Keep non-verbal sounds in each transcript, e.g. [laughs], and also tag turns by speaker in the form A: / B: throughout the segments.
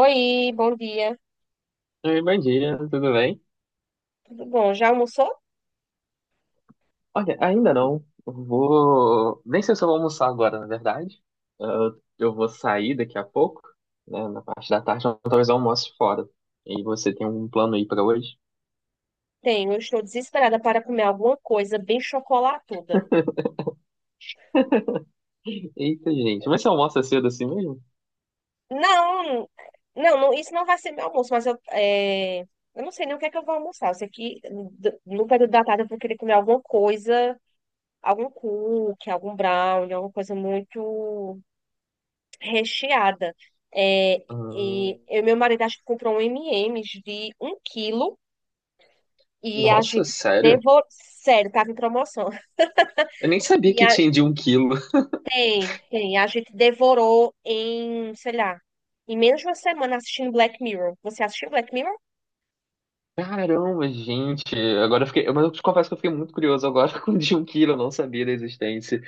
A: Oi, bom dia.
B: Oi, bom dia, tudo bem?
A: Tudo bom? Já almoçou?
B: Olha, ainda não. Eu vou. Nem sei se eu vou almoçar agora, na verdade. Eu vou sair daqui a pouco, né? Na parte da tarde, então talvez eu almoce fora. E você tem um plano aí pra hoje?
A: Tenho. Estou desesperada para comer alguma coisa bem chocolatuda.
B: [laughs] Eita, gente. Mas você almoça cedo assim mesmo?
A: Não, não, não, isso não vai ser meu almoço, mas eu não sei nem o que é que eu vou almoçar. Eu sei que no período da tarde eu vou querer comer alguma coisa, algum cookie, algum brownie, alguma coisa muito recheada. É, e
B: Hum,
A: eu e meu marido acho que comprou um M&M's de um quilo e a
B: nossa,
A: gente
B: sério?
A: devorou. Sério, tava em promoção. [laughs]
B: Eu nem sabia
A: e
B: que
A: a
B: tinha de um quilo. [laughs]
A: Tem, tem. A gente devorou em, sei lá, em menos de uma semana assistindo Black Mirror. Você assistiu Black Mirror?
B: Caramba, gente. Agora eu fiquei. Mas eu te confesso que eu fiquei muito curioso agora [laughs] com o de um quilo, eu não sabia da existência.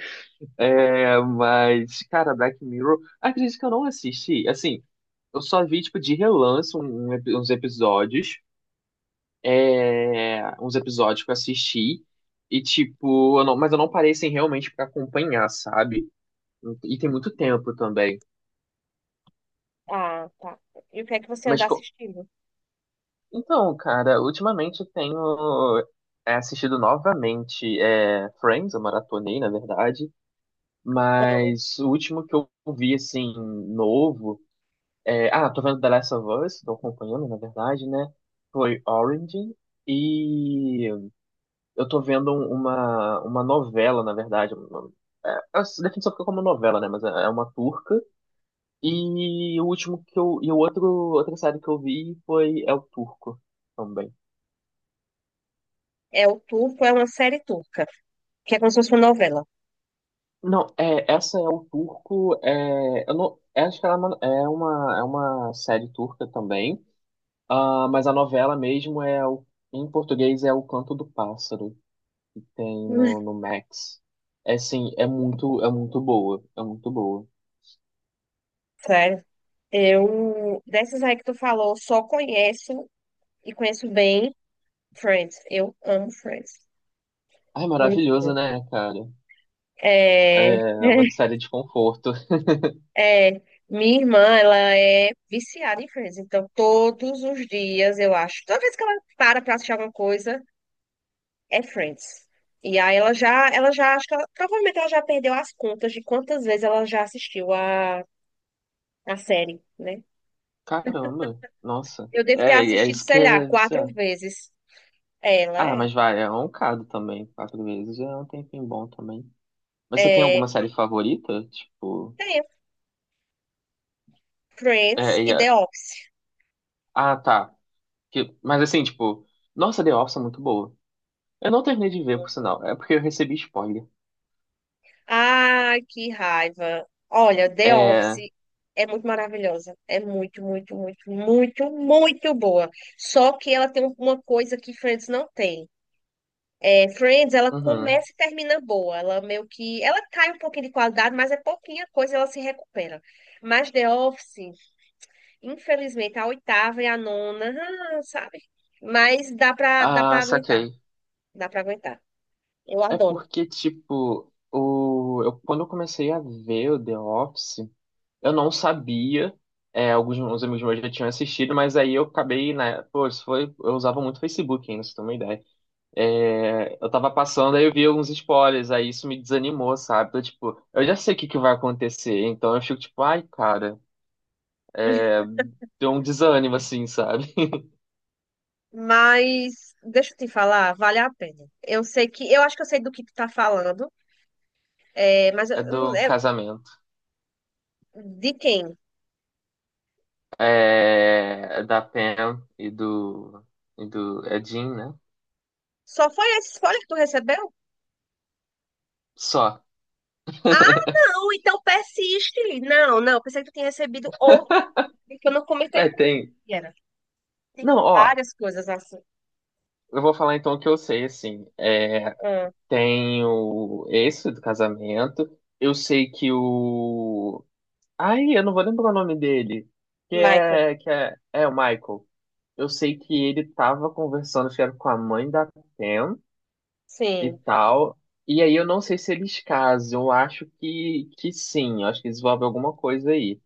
B: É, mas, cara, Black Mirror, acredito que eu não assisti. Assim, eu só vi, tipo, de relance uns episódios. Uns episódios que eu assisti. E, tipo, eu não- mas eu não parei, assim, realmente pra acompanhar, sabe? E tem muito tempo também.
A: Ah, tá. E o que é que você
B: Mas,
A: anda assistindo?
B: então, cara, ultimamente eu tenho assistido novamente Friends, eu maratonei, na verdade.
A: Amo.
B: Mas o último que eu vi, assim, novo. É, ah, tô vendo The Last of Us, tô acompanhando, na verdade, né? Foi Orange. E eu tô vendo uma novela, na verdade. É, a definição fica como novela, né? Mas é uma turca. E o último que eu. E o outro, outra série que eu vi foi É o Turco também.
A: É o turco, é uma série turca, que é como se fosse uma novela.
B: Não, é, essa é o Turco. É, eu não, é, acho que ela é uma, é uma série turca também. Ah, mas a novela mesmo é o, em português é O Canto do Pássaro. Tem no,
A: [laughs]
B: no Max. É sim, é muito boa, é muito boa.
A: Sério. Eu, dessas aí que tu falou, só conheço e conheço bem Friends. Eu amo Friends.
B: Ai,
A: Muito
B: maravilhoso,
A: bom.
B: né, cara?
A: É...
B: É é
A: [laughs]
B: uma série de conforto.
A: É, Minha irmã, ela é viciada em Friends, então todos os dias, eu acho, toda vez que ela para pra assistir alguma coisa, é Friends. E aí ela já acho que ela, provavelmente ela já perdeu as contas de quantas vezes ela já assistiu a série, né?
B: [laughs] Caramba, nossa.
A: Eu devo ter
B: É, é
A: assistido,
B: isso que
A: sei lá,
B: é
A: quatro
B: viciado.
A: vezes. Ela
B: Ah,
A: é,
B: mas vai, é um bocado também, quatro vezes, já é um tempinho bom também. Mas você tem
A: é,
B: alguma série favorita? Tipo,
A: tem Friends
B: é,
A: e
B: e
A: The
B: a-
A: Office.
B: ah, tá. Mas assim, tipo, nossa, The Office é muito boa. Eu não terminei de ver, por sinal, é porque eu recebi spoiler.
A: Ai, que raiva. Olha, The
B: É,
A: Office é muito maravilhosa. É muito, muito, muito, muito, muito boa. Só que ela tem uma coisa que Friends não tem. Friends, ela
B: uhum.
A: começa e termina boa. Ela meio que. Ela cai um pouquinho de qualidade, mas é pouquinha coisa, ela se recupera. Mas The Office, infelizmente, a oitava e a nona, sabe? Mas dá pra
B: Ah,
A: aguentar.
B: saquei.
A: Dá pra aguentar. Eu
B: É
A: adoro.
B: porque, tipo, o, eu, quando eu comecei a ver o The Office, eu não sabia. É, alguns uns amigos meus já tinham assistido, mas aí eu acabei, né? Pô, isso foi, eu usava muito Facebook ainda, se tem uma ideia. É, eu tava passando, aí eu vi alguns spoilers, aí isso me desanimou, sabe? Então, tipo, eu já sei o que que vai acontecer, então eu fico tipo, ai, cara, é, deu um desânimo, assim, sabe? [laughs]
A: Mas deixa eu te falar, vale a pena. Eu sei que, eu acho que eu sei do que tu tá falando, mas eu
B: É
A: não-
B: do casamento.
A: de quem?
B: É, da Pam e do, é Jim, né?
A: Só foi esse spoiler que tu recebeu?
B: Só.
A: Ah, não, então persiste. Não, não, pensei que tu tinha recebido outro que eu não comentei
B: É,
A: com
B: tem.
A: quem era. Tem
B: Não, ó,
A: várias coisas assim.
B: eu vou falar então o que eu sei, assim. É,
A: Ah,
B: tem o esse do casamento. Eu sei que o. Ai, eu não vou lembrar o nome dele. Que
A: Michael,
B: é. É o Michael. Eu sei que ele tava conversando, acho que era com a mãe da Pam e
A: sim.
B: tal. E aí eu não sei se eles casam. Eu acho que sim. Eu acho que desenvolve alguma coisa aí.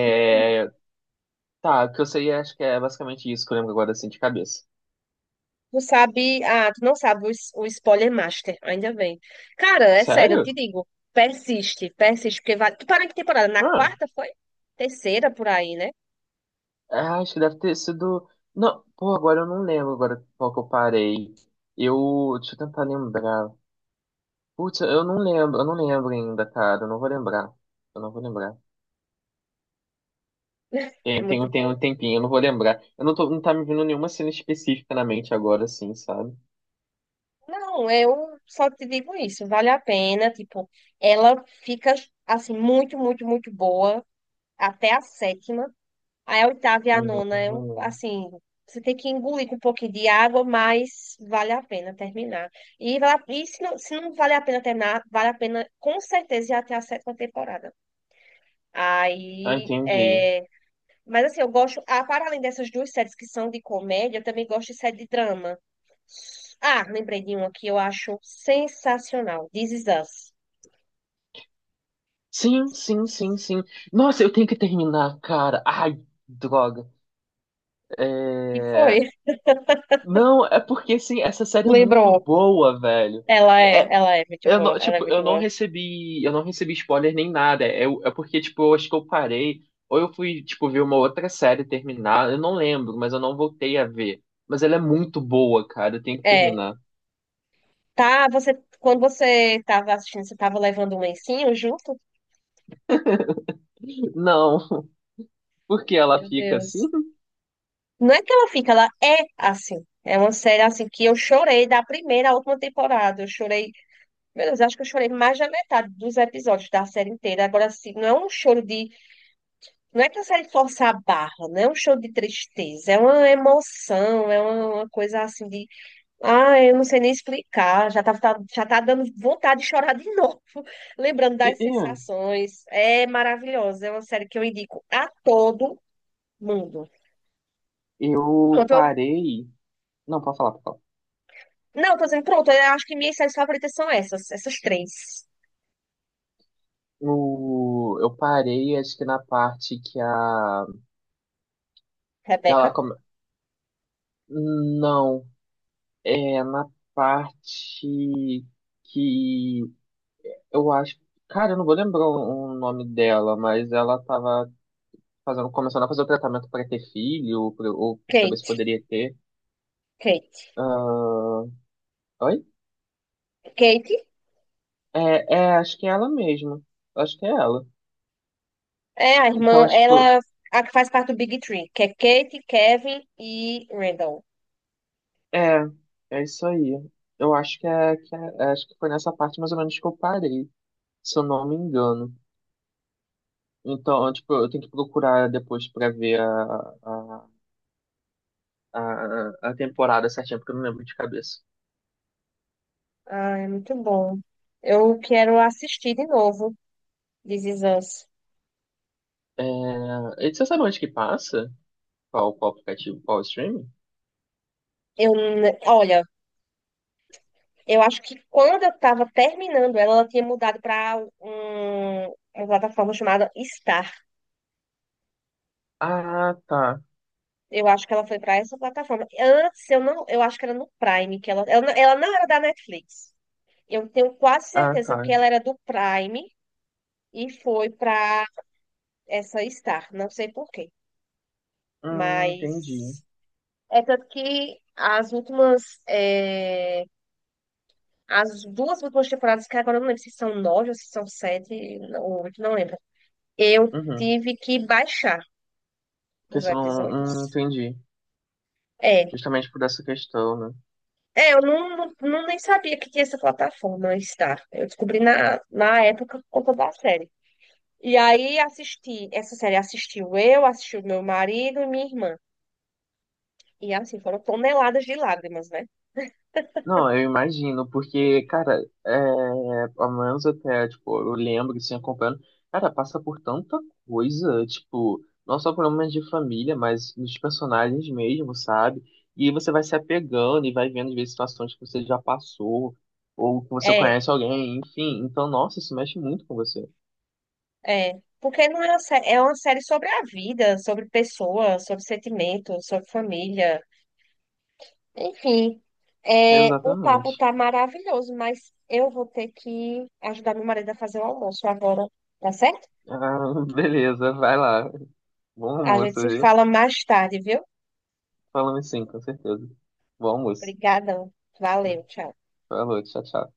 A: Uhum.
B: É, tá, o que eu sei, acho que é basicamente isso que eu lembro agora, assim, de cabeça.
A: Tu sabe, tu não sabe o spoiler master, ainda bem. Cara, é sério, eu
B: Sério?
A: te digo, persiste, persiste, porque vale. Tu parou em que temporada? Na
B: Ah.
A: quarta foi? Terceira por aí, né?
B: Ah, acho que deve ter sido. Não, pô, agora eu não lembro agora qual que eu parei. Eu. Deixa eu tentar lembrar. Putz, eu não lembro ainda, cara. Eu não vou lembrar. Eu não vou lembrar.
A: É muito
B: Tem
A: boa.
B: um tempinho, eu não vou lembrar. Eu não tô, Não tá me vindo nenhuma cena específica na mente agora, assim, sabe?
A: Não, eu só te digo isso, vale a pena, tipo, ela fica assim muito, muito, muito boa até a sétima. Aí a oitava e a nona é um,
B: Hum,
A: assim, você tem que engolir com um pouquinho de água, mas vale a pena terminar. E se não vale a pena terminar, vale a pena com certeza ir até a sétima temporada.
B: ah,
A: Aí,
B: entendi.
A: mas assim, eu gosto, para além dessas duas séries que são de comédia, eu também gosto de série de drama. Ah, lembrei de uma que eu acho sensacional. This Is Us.
B: Sim, sim, sim, sim. Nossa, eu tenho que terminar, cara. Ai, droga.
A: Que foi.
B: É...
A: [laughs]
B: Não, é porque, assim, essa série é muito
A: Lembrou.
B: boa, velho.
A: Ela é,
B: É,
A: ela é muito
B: eu
A: boa,
B: não,
A: ela é
B: tipo,
A: muito boa.
B: eu não recebi spoiler nem nada. É, é porque, tipo, eu acho que eu parei, ou eu fui, tipo, ver uma outra série terminar, eu não lembro, mas eu não voltei a ver. Mas ela é muito boa, cara, eu tenho que
A: É,
B: terminar.
A: tá, quando você tava assistindo, você tava levando um lencinho junto?
B: Não, [laughs] porque ela
A: Meu
B: fica assim?
A: Deus. Não é que ela fica, ela é assim. É uma série assim que eu chorei da primeira à última temporada. Eu chorei, meu Deus, acho que eu chorei mais da metade dos episódios da série inteira. Agora, assim, não é um choro de. Não é que a série força a barra, não é um show de tristeza, é uma emoção, é uma coisa assim de. Ah, eu não sei nem explicar, já tá dando vontade de chorar de novo, [laughs] lembrando
B: E-
A: das
B: e-
A: sensações. É maravilhosa, é uma série que eu indico a todo mundo.
B: Eu
A: Pronto,
B: parei. Não, pode falar, pode falar.
A: não, tô dizendo, pronto, eu acho que minhas séries favoritas são essas, três:
B: No, eu parei, acho que na parte que a. Que ela
A: Rebecca,
B: come... Não, é na parte que eu acho. Cara, eu não vou lembrar o nome dela, mas ela tava fazendo, começando a fazer o tratamento pra ter filho, ou pra saber se
A: Kate,
B: poderia ter.
A: Kate.
B: Ah, oi?
A: Kate
B: É, é, acho que é ela mesmo. Acho que é ela.
A: é a irmã,
B: Então, tipo,
A: ela a que faz parte do Big Three, que é Kate, Kevin e Randall.
B: é, é isso aí. Eu acho que é, é, acho que foi nessa parte mais ou menos que eu parei, se eu não me engano. Então, tipo, eu tenho que procurar depois pra ver a, a temporada certinha, porque eu não lembro de cabeça.
A: Ah, é muito bom. Eu quero assistir de novo, This Is Us.
B: É, e você sabe onde que passa? Qual, qual aplicativo? Qual streaming?
A: Olha, eu acho que quando eu estava terminando ela, ela tinha mudado para uma plataforma chamada Star.
B: Ah, tá.
A: Eu acho que ela foi para essa plataforma. Antes, eu não, eu acho que era no Prime, que ela não era da Netflix. Eu tenho quase
B: Ah,
A: certeza
B: tá.
A: que ela era do Prime e foi para essa Star. Não sei por quê,
B: Entendi.
A: mas é tanto que as duas últimas temporadas, que agora eu não lembro se são nove ou se são sete, ou oito, não lembro. Eu
B: Uhum.
A: tive que baixar os
B: Questão,
A: episódios.
B: entendi.
A: É.
B: Justamente por essa questão, né?
A: É, eu não, não, não nem sabia que tinha essa plataforma Star. Eu descobri na época por conta da série. E aí assisti, essa série assistiu eu, assistiu meu marido e minha irmã. E assim, foram toneladas de lágrimas, né?
B: Não, eu imagino, porque, cara, é, pelo menos até, tipo, eu lembro, assim, acompanhando, cara, passa por tanta coisa, tipo, não só problemas de família, mas nos personagens mesmo, sabe? E aí você vai se apegando e vai vendo, às vezes, situações que você já passou, ou que você
A: É,
B: conhece alguém, enfim. Então, nossa, isso mexe muito com você.
A: é. Porque não é uma série, é uma série sobre a vida, sobre pessoas, sobre sentimentos, sobre família. Enfim, o papo
B: Exatamente.
A: tá maravilhoso, mas eu vou ter que ajudar meu marido a fazer o almoço agora, tá certo?
B: Ah, [laughs] beleza, vai lá. Bom
A: A
B: almoço,
A: gente se
B: viu?
A: fala mais tarde, viu?
B: Falamos sim, com certeza. Bom almoço.
A: Obrigadão. Valeu, tchau.
B: Falou, tchau, tchau.